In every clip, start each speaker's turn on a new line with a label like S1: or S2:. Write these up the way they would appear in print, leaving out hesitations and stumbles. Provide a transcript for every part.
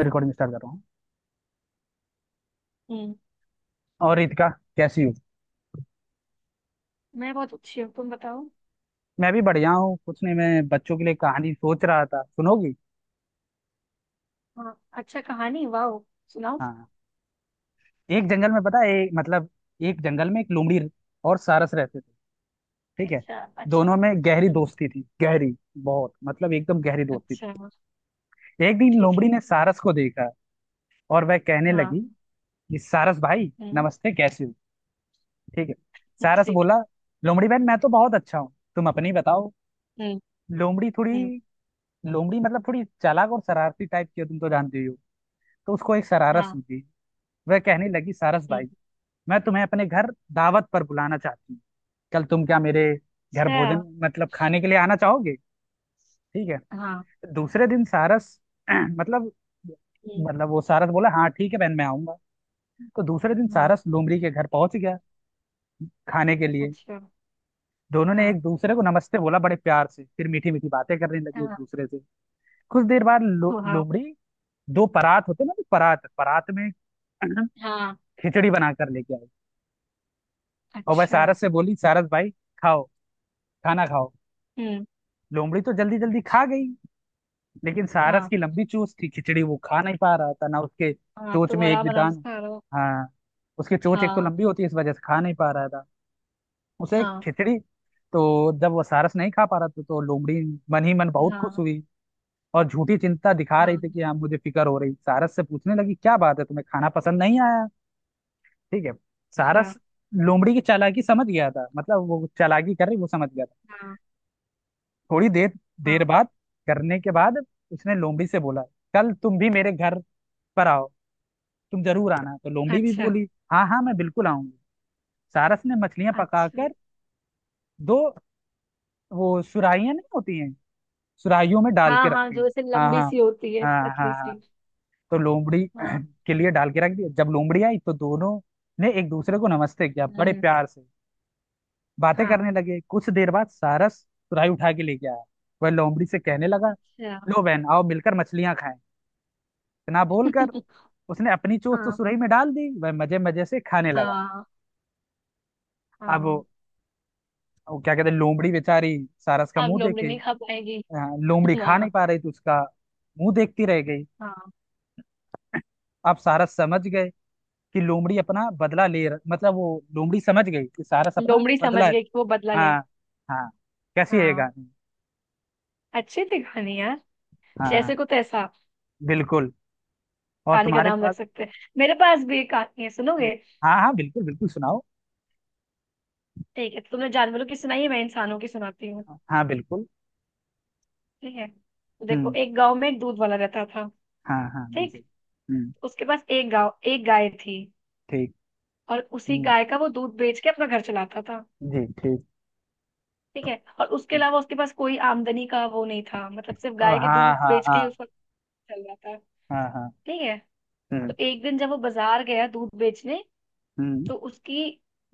S1: Recording start कर रहा हूँ।
S2: हम्म।
S1: और रितिका, कैसी हो?
S2: मैं बहुत अच्छी हूँ, तुम बताओ।
S1: मैं भी बढ़िया हूँ। कुछ नहीं, मैं बच्चों के लिए कहानी सोच रहा था, सुनोगी?
S2: हाँ, अच्छा कहानी, वाओ। सुनाओ।
S1: हाँ। एक जंगल में पता है, एक जंगल में एक लोमड़ी और सारस रहते थे। ठीक है।
S2: अच्छा, अच्छा।
S1: दोनों में गहरी
S2: हम्म।
S1: दोस्ती थी, गहरी बहुत मतलब एकदम गहरी दोस्ती थी।
S2: अच्छा।
S1: एक दिन
S2: ठीक
S1: लोमड़ी
S2: है।
S1: ने सारस को देखा और वह कहने लगी
S2: हाँ।
S1: कि सारस भाई,
S2: हम्म।
S1: नमस्ते, कैसे हो? ठीक है। सारस
S2: ठीक
S1: बोला,
S2: है।
S1: लोमड़ी बहन, मैं तो बहुत अच्छा हूँ, तुम अपनी बताओ।
S2: हम्म।
S1: लोमड़ी थोड़ी
S2: हम्म।
S1: लोमड़ी थोड़ी चालाक और शरारती टाइप की हो, तुम तो जानते ही हो। तो उसको एक शरारत
S2: हाँ।
S1: सूझी। वह कहने लगी, सारस भाई,
S2: हम्म।
S1: मैं तुम्हें अपने घर दावत पर बुलाना चाहती हूँ। कल तुम क्या मेरे घर भोजन
S2: अच्छा।
S1: खाने के लिए आना चाहोगे? ठीक है।
S2: हाँ।
S1: दूसरे दिन सारस मतलब
S2: हम्म,
S1: वो सारस बोला, हाँ ठीक है बहन, मैं आऊंगा। तो दूसरे दिन
S2: हाँ।
S1: सारस लोमड़ी के घर पहुंच गया खाने के लिए।
S2: अच्छा।
S1: दोनों ने
S2: हाँ,
S1: एक दूसरे को नमस्ते बोला बड़े प्यार से, फिर मीठी मीठी बातें करने लगी एक
S2: हाँ।
S1: दूसरे से। कुछ देर बाद
S2: वाह।
S1: लोमड़ी, दो परात होते ना, तो परात परात में
S2: हाँ।
S1: खिचड़ी बनाकर लेके आई। और वह
S2: अच्छा।
S1: सारस से बोली, सारस भाई खाओ, खाना खाओ।
S2: हम्म।
S1: लोमड़ी तो जल्दी जल्दी खा गई, लेकिन सारस
S2: हाँ।
S1: की लंबी चोंच थी, खिचड़ी वो खा नहीं पा रहा था ना, उसके
S2: हाँ,
S1: चोंच
S2: तो
S1: में एक
S2: आराम
S1: भी
S2: आराम से
S1: दाना।
S2: करो।
S1: हाँ। उसकी चोंच एक तो
S2: हाँ।
S1: लंबी होती है, इस वजह से खा नहीं पा रहा था उसे एक
S2: हाँ।
S1: खिचड़ी। तो जब वो सारस नहीं खा पा रहा था, तो लोमड़ी मन ही मन बहुत खुश
S2: हाँ।
S1: हुई और झूठी चिंता दिखा रही थी
S2: हाँ।
S1: कि हाँ मुझे फिक्र हो रही, सारस से पूछने लगी क्या बात है, तुम्हें खाना पसंद नहीं आया? ठीक है। सारा
S2: अच्छा।
S1: स- लोमड़ी की चालाकी समझ गया था, वो चालाकी कर रही, वो समझ गया था।
S2: हाँ।
S1: थोड़ी देर देर
S2: हाँ।
S1: बाद करने के बाद उसने लोमड़ी से बोला, कल तुम भी मेरे घर पर आओ, तुम जरूर आना। तो लोमड़ी भी
S2: अच्छा।
S1: बोली, हाँ हाँ, मैं बिल्कुल आऊंगी। सारस ने मछलियां
S2: अच्छा।
S1: पकाकर दो, वो सुराहियां नहीं होती हैं, सुराहियों में डाल के
S2: हाँ, हाँ
S1: रखी।
S2: जो ऐसे
S1: हाँ
S2: लंबी
S1: हाँ
S2: सी होती है,
S1: हाँ। हाँ
S2: पतली
S1: हाँ।
S2: सी।
S1: तो लोमड़ी
S2: हाँ।
S1: के लिए डाल के रख दिया। जब लोमड़ी आई तो दोनों ने एक दूसरे को नमस्ते किया बड़े
S2: हम्म,
S1: प्यार से, बातें
S2: हाँ।
S1: करने लगे। कुछ देर बाद सारस तुरई उठा के लेके आया। वह लोमड़ी से कहने लगा,
S2: अच्छा।
S1: लो बहन आओ मिलकर मछलियां खाएं। इतना बोलकर उसने अपनी चोंच तो
S2: हाँ,
S1: सुरही में डाल दी, वह मजे मजे से खाने लगा।
S2: हाँ,
S1: अब वो
S2: हाँ।
S1: वो क्या कहते हैं, लोमड़ी बेचारी सारस का
S2: अब
S1: मुंह
S2: लोमड़ी
S1: देखे।
S2: नहीं खा पाएगी।
S1: अ, लोमड़ी खा नहीं
S2: हाँ।
S1: पा रही, तो उसका मुंह देखती रह गई।
S2: हाँ।
S1: अब सारस समझ गए कि लोमड़ी अपना बदला ले रह- मतलब वो लोमड़ी समझ गई कि सारस अपना
S2: लोमड़ी समझ
S1: बदला।
S2: गई कि वो बदला ले।
S1: हाँ। हाँ। कैसी है ये
S2: हाँ।
S1: कहानी?
S2: अच्छी थी कहानी यार।
S1: हाँ हाँ,
S2: जैसे को तैसा।
S1: बिल्कुल। और
S2: कहानी का
S1: तुम्हारे
S2: नाम रख
S1: पास?
S2: सकते हैं। मेरे पास भी एक कहानी है,
S1: हाँ।
S2: सुनोगे?
S1: हाँ हाँ, बिल्कुल बिल्कुल सुनाओ।
S2: ठीक है, तो तुमने जानवरों की सुनाई है, मैं इंसानों की सुनाती हूँ।
S1: हाँ बिल्कुल।
S2: ठीक है, तो देखो,
S1: हम्म।
S2: एक गांव में एक दूध वाला रहता था।
S1: हाँ हाँ
S2: ठीक।
S1: बिल्कुल। हम्म।
S2: उसके पास एक गांव एक गाय थी।
S1: ठीक।
S2: और उसी
S1: हम्म।
S2: गाय का वो दूध बेच के अपना घर चलाता था।
S1: जी ठीक।
S2: ठीक है। और उसके
S1: हम्म,
S2: अलावा उसके पास कोई आमदनी का वो नहीं था, मतलब सिर्फ
S1: ओ,
S2: गाय के
S1: हाँ
S2: दूध
S1: हाँ
S2: बेच
S1: हाँ।
S2: के ही उसका चल रहा था।
S1: हाँ हाँ।
S2: ठीक है।
S1: हम्म।
S2: तो एक दिन जब वो बाजार गया दूध बेचने,
S1: हम्म।
S2: तो उसकी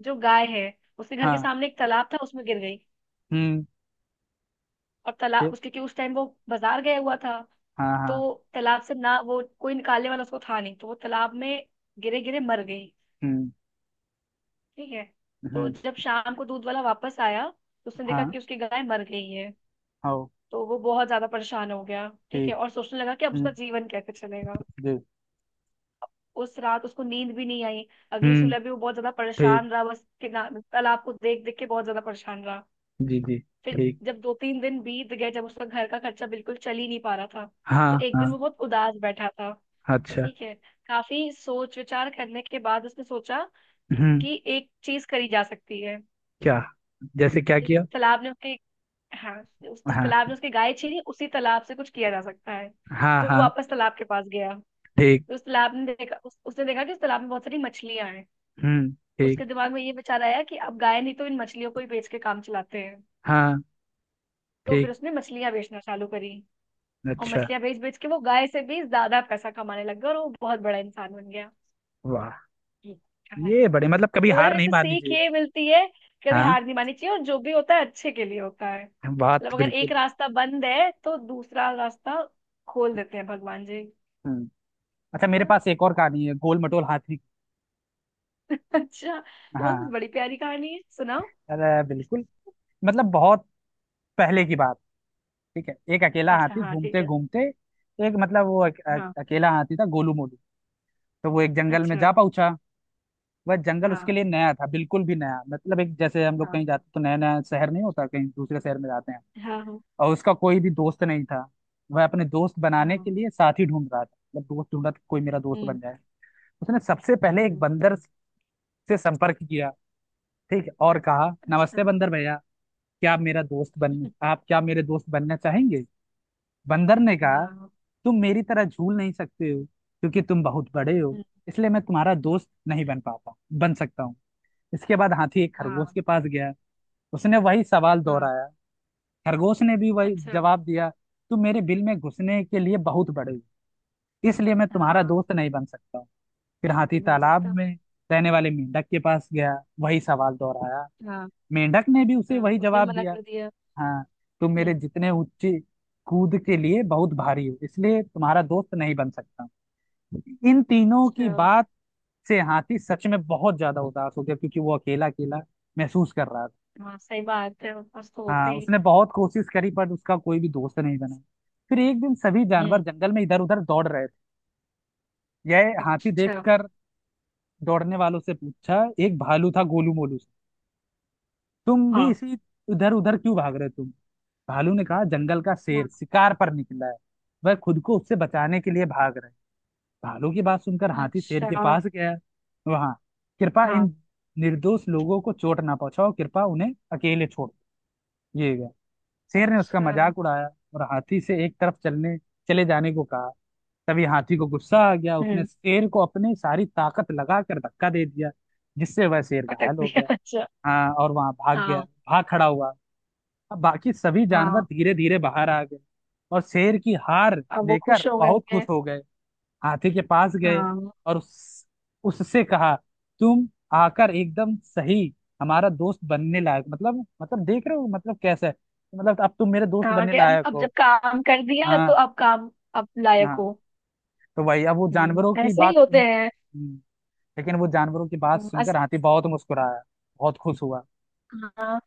S2: जो गाय है, उसके घर के
S1: हाँ।
S2: सामने एक तालाब था, उसमें गिर गई।
S1: हम्म।
S2: और तालाब
S1: फिर,
S2: उसके, क्योंकि उस टाइम वो बाजार गया हुआ था,
S1: हाँ हाँ।
S2: तो तालाब से ना वो कोई निकालने वाला उसको था नहीं, तो वो तालाब में गिरे गिरे मर गई।
S1: हम्म।
S2: ठीक है। तो
S1: हम्म।
S2: जब शाम को दूध वाला वापस आया, तो उसने देखा
S1: हाँ।
S2: कि उसकी गाय मर गई है।
S1: हो।
S2: तो वो बहुत ज्यादा परेशान हो गया, ठीक है,
S1: ठीक।
S2: और सोचने लगा कि अब उसका
S1: हम्म।
S2: जीवन कैसे चलेगा।
S1: जी।
S2: उस रात उसको नींद भी नहीं आई। अगली
S1: हम्म।
S2: सुबह भी वो बहुत ज्यादा
S1: ठीक।
S2: परेशान रहा, बस तालाब को देख देख के बहुत ज्यादा परेशान रहा।
S1: जी जी।
S2: फिर
S1: ठीक।
S2: जब दो तीन दिन बीत गए, जब उसका घर का खर्चा बिल्कुल चल ही नहीं पा रहा था,
S1: हाँ
S2: तो एक दिन
S1: हाँ।
S2: वो बहुत उदास बैठा था।
S1: अच्छा।
S2: ठीक है। काफी सोच विचार करने के बाद उसने सोचा
S1: हम्म।
S2: कि एक चीज करी जा सकती है।
S1: क्या? जैसे क्या
S2: जिस
S1: किया?
S2: तालाब ने उसके, हाँ, उस जिस
S1: हाँ
S2: तालाब ने उसकी गाय छीनी, उसी तालाब से कुछ किया जा सकता है।
S1: हाँ
S2: तो वो
S1: हाँ।
S2: वापस तालाब के पास गया।
S1: ठीक।
S2: तो उस तालाब ने देखा उस, उसने देखा कि उस तालाब में बहुत सारी मछलियां हैं।
S1: हम्म। ठीक।
S2: उसके दिमाग में ये विचार आया कि अब गाय नहीं तो इन मछलियों को ही बेच के काम चलाते हैं।
S1: हाँ।
S2: तो फिर
S1: ठीक।
S2: उसने मछलियां बेचना चालू करी। और
S1: अच्छा।
S2: मछलियां बेच बेच के वो गाय से भी ज्यादा पैसा कमाने लग गया, और वो बहुत बड़ा इंसान बन गया।
S1: वाह!
S2: ये
S1: ये
S2: कहानी।
S1: बड़े, कभी
S2: तो
S1: हार
S2: मतलब
S1: नहीं
S2: इससे
S1: माननी
S2: सीख
S1: चाहिए।
S2: ये मिलती है, कभी
S1: हाँ
S2: हार नहीं माननी चाहिए और जो भी होता है अच्छे के लिए होता है। मतलब
S1: बात
S2: अगर एक
S1: बिल्कुल।
S2: रास्ता बंद है तो दूसरा रास्ता खोल देते हैं भगवान जी,
S1: हम्म। अच्छा
S2: है
S1: मेरे
S2: ना?
S1: पास एक और कहानी है, गोल मटोल हाथी।
S2: अच्छा, तो बस,
S1: हाँ।
S2: बड़ी प्यारी कहानी है, सुनाओ।
S1: अरे बिल्कुल। बहुत पहले की बात, ठीक है, एक अकेला
S2: अच्छा,
S1: हाथी
S2: हाँ, ठीक
S1: घूमते
S2: है।
S1: घूमते, एक
S2: हाँ।
S1: अकेला हाथी था गोलू मोलू। तो वो एक जंगल में
S2: अच्छा।
S1: जा पहुंचा। वह जंगल
S2: हाँ।
S1: उसके लिए नया था, बिल्कुल भी नया, एक, जैसे हम लोग
S2: हाँ,
S1: कहीं जाते तो नया नया शहर नहीं होता, कहीं दूसरे शहर में जाते हैं।
S2: हाँ, हाँ,
S1: और उसका कोई भी दोस्त नहीं था। वह अपने दोस्त बनाने के
S2: हाँ।
S1: लिए साथी ढूंढ रहा था, दोस्त ढूंढ रहा था कि कोई मेरा दोस्त
S2: हम्म।
S1: बन जाए। उसने सबसे पहले एक
S2: हम्म।
S1: बंदर से संपर्क किया। ठीक है, और कहा,
S2: अच्छा।
S1: नमस्ते बंदर भैया, क्या आप मेरा दोस्त बन आप क्या मेरे दोस्त बनना चाहेंगे? बंदर ने कहा,
S2: हाँ।
S1: तुम मेरी तरह झूल नहीं सकते हो क्योंकि तुम बहुत बड़े हो,
S2: हम्म,
S1: इसलिए मैं तुम्हारा दोस्त नहीं बन सकता हूँ। इसके बाद हाथी एक खरगोश
S2: हाँ।
S1: के पास गया, उसने वही सवाल
S2: हाँ।
S1: दोहराया। खरगोश ने भी वही
S2: अच्छा।
S1: जवाब दिया, तुम मेरे बिल में घुसने के लिए बहुत बड़े हो, इसलिए मैं तुम्हारा
S2: हाँ।
S1: दोस्त नहीं बन सकता हूँ। फिर हाथी
S2: ये बन
S1: तालाब
S2: सकता।
S1: में रहने वाले मेंढक के पास गया, वही सवाल दोहराया।
S2: हाँ।
S1: मेंढक ने भी उसे
S2: हाँ
S1: वही
S2: उसने
S1: जवाब
S2: मना
S1: दिया।
S2: कर दिया।
S1: हाँ। तुम मेरे
S2: हम्म।
S1: जितने ऊंचे कूद के लिए बहुत भारी हो, इसलिए तुम्हारा दोस्त नहीं बन सकता। इन तीनों की
S2: अच्छा।
S1: बात से हाथी सच में बहुत ज्यादा उदास हो गया, क्योंकि वो अकेला अकेला महसूस कर रहा था।
S2: हाँ, सही बात है उसको हो
S1: हाँ।
S2: गई।
S1: उसने बहुत कोशिश करी पर उसका कोई भी दोस्त नहीं बना। फिर एक दिन सभी
S2: हम्म,
S1: जानवर जंगल में इधर उधर दौड़ रहे थे, यह हाथी
S2: अच्छा।
S1: देखकर दौड़ने वालों से पूछा, एक भालू था गोलू मोलू से, तुम भी
S2: हाँ,
S1: इसी इधर उधर क्यों भाग रहे हो तुम? भालू ने कहा, जंगल का
S2: हाँ,
S1: शेर शिकार पर निकला है, वह खुद को उससे बचाने के लिए भाग रहे। भालू की बात सुनकर हाथी शेर के
S2: अच्छा।
S1: पास गया, वहां कृपा
S2: हाँ।
S1: इन निर्दोष लोगों को चोट ना पहुंचाओ, कृपा उन्हें अकेले छोड़ ये गया। शेर ने उसका
S2: अच्छा।
S1: मजाक उड़ाया और हाथी से एक तरफ चलने चले जाने को कहा। तभी हाथी को गुस्सा आ गया, उसने
S2: हम्म।
S1: शेर को अपनी सारी ताकत लगाकर धक्का दे दिया, जिससे वह शेर
S2: पटक
S1: घायल हो
S2: दिया,
S1: गया।
S2: अच्छा।
S1: हाँ, और वहां
S2: हाँ।
S1: भाग खड़ा हुआ। अब बाकी सभी जानवर
S2: हाँ।
S1: धीरे धीरे बाहर आ गए और शेर की हार
S2: अब वो
S1: लेकर
S2: खुश हो गए
S1: बहुत खुश
S2: होंगे।
S1: हो गए, हाथी के पास गए
S2: हाँ।
S1: और उससे कहा तुम आकर एकदम सही, हमारा दोस्त बनने लायक, देख रहे हो कैसा है, अब तुम मेरे दोस्त
S2: हाँ
S1: बनने
S2: कि अब
S1: लायक
S2: अब जब
S1: हो।
S2: काम कर दिया तो
S1: हाँ।
S2: अब काम। अब लायक
S1: हाँ।
S2: हो।
S1: तो वही, अब वो जानवरों की
S2: ऐसे ही
S1: बात सुन,
S2: होते हैं।
S1: हम्म, लेकिन वो जानवरों की बात
S2: हम्म,
S1: सुनकर
S2: अस,
S1: हाथी बहुत मुस्कुराया, बहुत खुश हुआ।
S2: हाँ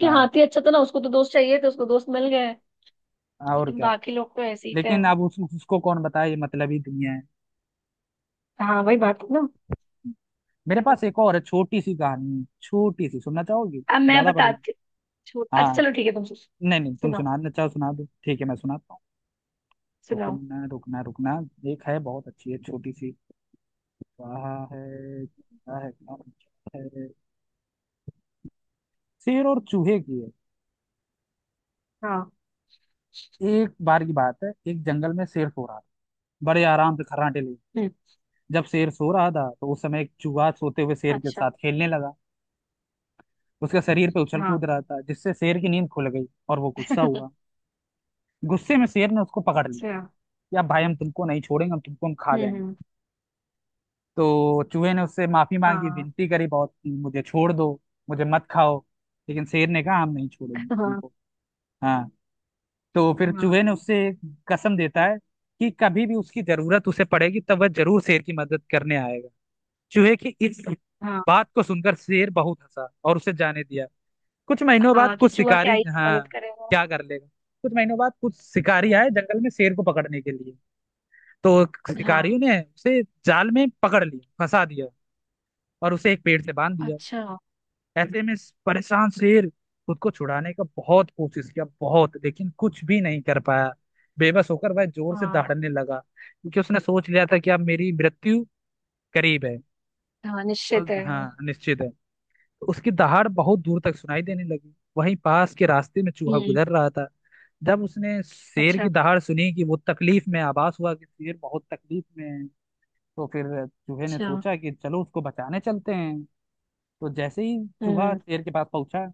S2: कि
S1: हाँ
S2: हाथी अच्छा था ना, उसको तो दोस्त चाहिए थे, उसको दोस्त मिल गए।
S1: और
S2: लेकिन
S1: क्या।
S2: बाकी लोग तो ऐसे ही थे।
S1: लेकिन अब उसको कौन बताए ये मतलबी दुनिया है।
S2: हाँ, वही बात है ना।
S1: मेरे पास
S2: चलो
S1: एक और है, छोटी सी कहानी है छोटी सी, सुनना चाहोगी?
S2: अब मैं
S1: ज्यादा बड़ी नहीं।
S2: बताती हूँ। अच्छा
S1: हाँ,
S2: चलो ठीक है, तुम
S1: नहीं नहीं, तुम
S2: सुनाओ।
S1: सुना दो, अच्छा सुना दो, ठीक है मैं सुनाता हूँ।
S2: सुनाओ।
S1: रुकना रुकना रुकना, एक है बहुत अच्छी है, छोटी सी कहा है। क्या है क्या है? शेर और चूहे की है।
S2: हाँ।
S1: एक बार की बात है, एक जंगल में शेर सो रहा था, बड़े आराम से खर्राटे लिए।
S2: हम्म।
S1: जब शेर सो रहा था तो उस समय एक चूहा सोते हुए शेर के
S2: अच्छा।
S1: साथ खेलने लगा, उसके शरीर पे उछल कूद
S2: हाँ।
S1: रहा था, जिससे शेर की नींद खुल गई और वो गुस्सा हुआ। गुस्से में शेर ने उसको पकड़ लिया
S2: अच्छा।
S1: कि अब भाई हम तुमको नहीं छोड़ेंगे, हम खा
S2: हम्म।
S1: जाएंगे। तो चूहे ने उससे माफी मांगी,
S2: हाँ,
S1: विनती करी बहुत कि मुझे छोड़ दो, मुझे मत खाओ। लेकिन शेर ने कहा, हम नहीं छोड़ेंगे
S2: हाँ।
S1: तुमको। हाँ। तो फिर
S2: हाँ।
S1: चूहे ने उससे एक कसम देता है कि कभी भी उसकी जरूरत उसे पड़ेगी तब वह जरूर शेर की मदद करने आएगा। चूहे की इस
S2: हाँ।
S1: बात को सुनकर शेर बहुत हंसा और उसे जाने दिया। कुछ महीनों बाद
S2: हाँ कि
S1: कुछ
S2: चूहा क्या
S1: शिकारी,
S2: ही
S1: हाँ,
S2: मदद करेगा।
S1: क्या कर लेगा। कुछ महीनों बाद कुछ शिकारी
S2: हम्म,
S1: आए जंगल में शेर को पकड़ने के लिए। तो शिकारियों
S2: हाँ।
S1: ने उसे जाल में पकड़ लिया, फंसा दिया और उसे एक पेड़ से बांध दिया।
S2: अच्छा।
S1: ऐसे में इस परेशान शेर खुद को छुड़ाने का बहुत कोशिश किया, बहुत, लेकिन कुछ भी नहीं कर पाया। बेबस होकर वह जोर से
S2: हाँ।
S1: दहाड़ने लगा, क्योंकि उसने सोच लिया था कि अब मेरी मृत्यु करीब है,
S2: हाँ निश्चित
S1: और
S2: है,
S1: हाँ
S2: हाँ।
S1: निश्चित है। तो उसकी दहाड़ बहुत दूर तक सुनाई देने लगी, वहीं पास के रास्ते में चूहा
S2: हम्म।
S1: गुजर रहा था। जब उसने शेर की
S2: अच्छा।
S1: दहाड़ सुनी कि वो तकलीफ में, आभास हुआ कि शेर बहुत तकलीफ में है। तो फिर चूहे ने
S2: अच्छा।
S1: सोचा कि चलो उसको बचाने चलते हैं। तो जैसे ही चूहा
S2: हम्म।
S1: शेर के पास पहुंचा,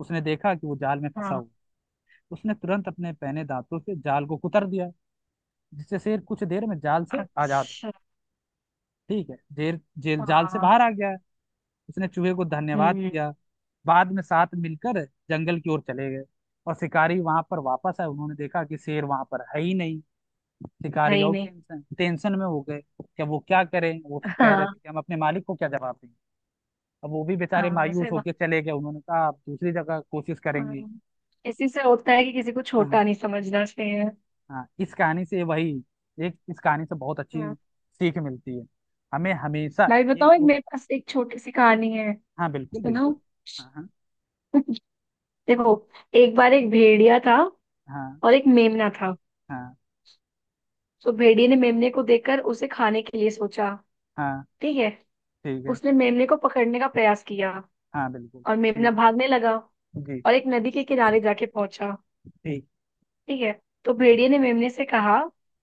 S1: उसने देखा कि वो जाल में फंसा
S2: हाँ।
S1: हुआ है। उसने तुरंत अपने पहने दांतों से जाल को कुतर दिया, जिससे शेर कुछ देर में जाल से आजाद हो,
S2: अच्छा।
S1: ठीक है, जेल जेल जाल से
S2: हाँ।
S1: बाहर आ गया है। उसने चूहे को धन्यवाद
S2: हम्म।
S1: किया। बाद में साथ मिलकर जंगल की ओर चले गए। और शिकारी वहां पर वापस आए, उन्होंने देखा कि शेर वहां पर है ही नहीं।
S2: है
S1: शिकारी
S2: ही
S1: और
S2: नहीं।
S1: टेंशन टेंशन में हो गए कि अब वो क्या करें, वो सब कह रहे
S2: हाँ।
S1: थे कि हम अपने मालिक को क्या जवाब दें। अब वो भी बेचारे
S2: हाँ
S1: मायूस
S2: वैसे बा-
S1: होके चले गए, उन्होंने कहा आप दूसरी जगह कोशिश
S2: हाँ,
S1: करेंगे।
S2: इसी से होता है कि किसी को
S1: हाँ।
S2: छोटा नहीं समझना चाहिए।
S1: हाँ इस कहानी से वही, एक इस कहानी से बहुत अच्छी
S2: हाँ,
S1: सीख मिलती है, हमें हमेशा,
S2: मैं भी
S1: एक
S2: बताऊँ, एक
S1: दू,
S2: मेरे पास एक छोटी सी कहानी है।
S1: हाँ बिल्कुल
S2: सुनो।
S1: बिल्कुल। हाँ हाँ
S2: देखो, एक बार एक भेड़िया था,
S1: हाँ।
S2: और एक मेमना था।
S1: हाँ
S2: तो भेड़िए ने मेमने को देखकर उसे खाने के लिए सोचा।
S1: हाँ।
S2: ठीक है।
S1: ठीक है।
S2: उसने मेमने को पकड़ने का प्रयास किया,
S1: हाँ बिल्कुल।
S2: और मेमना
S1: ठीक।
S2: भागने लगा,
S1: जी।
S2: और एक नदी के किनारे जाके पहुंचा।
S1: ठीक।
S2: ठीक है। तो
S1: हम्म।
S2: भेड़िए ने मेमने से कहा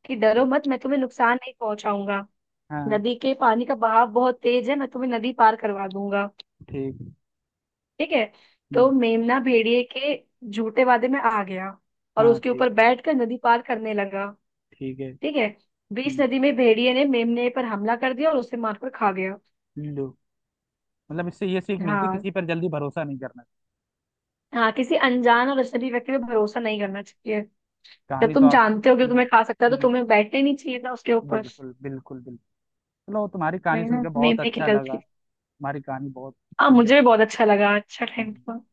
S2: कि डरो
S1: हम्म।
S2: मत, मैं तुम्हें नुकसान नहीं पहुंचाऊंगा।
S1: हाँ।
S2: नदी के पानी का बहाव बहुत तेज है, मैं तुम्हें नदी पार करवा दूंगा।
S1: ठीक।
S2: ठीक है। तो
S1: हम्म।
S2: मेमना भेड़िए के झूठे वादे में आ गया, और
S1: हाँ।
S2: उसके
S1: ठीक।
S2: ऊपर बैठकर नदी पार करने लगा।
S1: ठीक है।
S2: ठीक है। बीच
S1: हम्म,
S2: नदी में भेड़िए ने मेमने पर हमला कर दिया, और उसे मारकर खा गया।
S1: लो, मतलब इससे ये सीख मिलती है,
S2: हाँ,
S1: किसी पर जल्दी भरोसा नहीं करना।
S2: हाँ किसी अनजान और अजनबी व्यक्ति पे भरोसा नहीं करना चाहिए। जब
S1: कहानी तो
S2: तुम
S1: आप,
S2: जानते हो कि
S1: हम्म,
S2: तुम्हें खा सकता है, तो
S1: हम्म,
S2: तुम्हें बैठना ही नहीं चाहिए था उसके ऊपर।
S1: बिल्कुल बिल्कुल बिल्कुल। चलो तुम्हारी कहानी
S2: वही
S1: सुन
S2: ना,
S1: के बहुत
S2: मेमने की
S1: अच्छा
S2: गलती।
S1: लगा। तुम्हारी कहानी बहुत
S2: हाँ
S1: सुन के
S2: मुझे भी
S1: अच्छा
S2: बहुत
S1: लगा।
S2: अच्छा लगा, अच्छा
S1: हाँ।
S2: थैंक
S1: हाँ।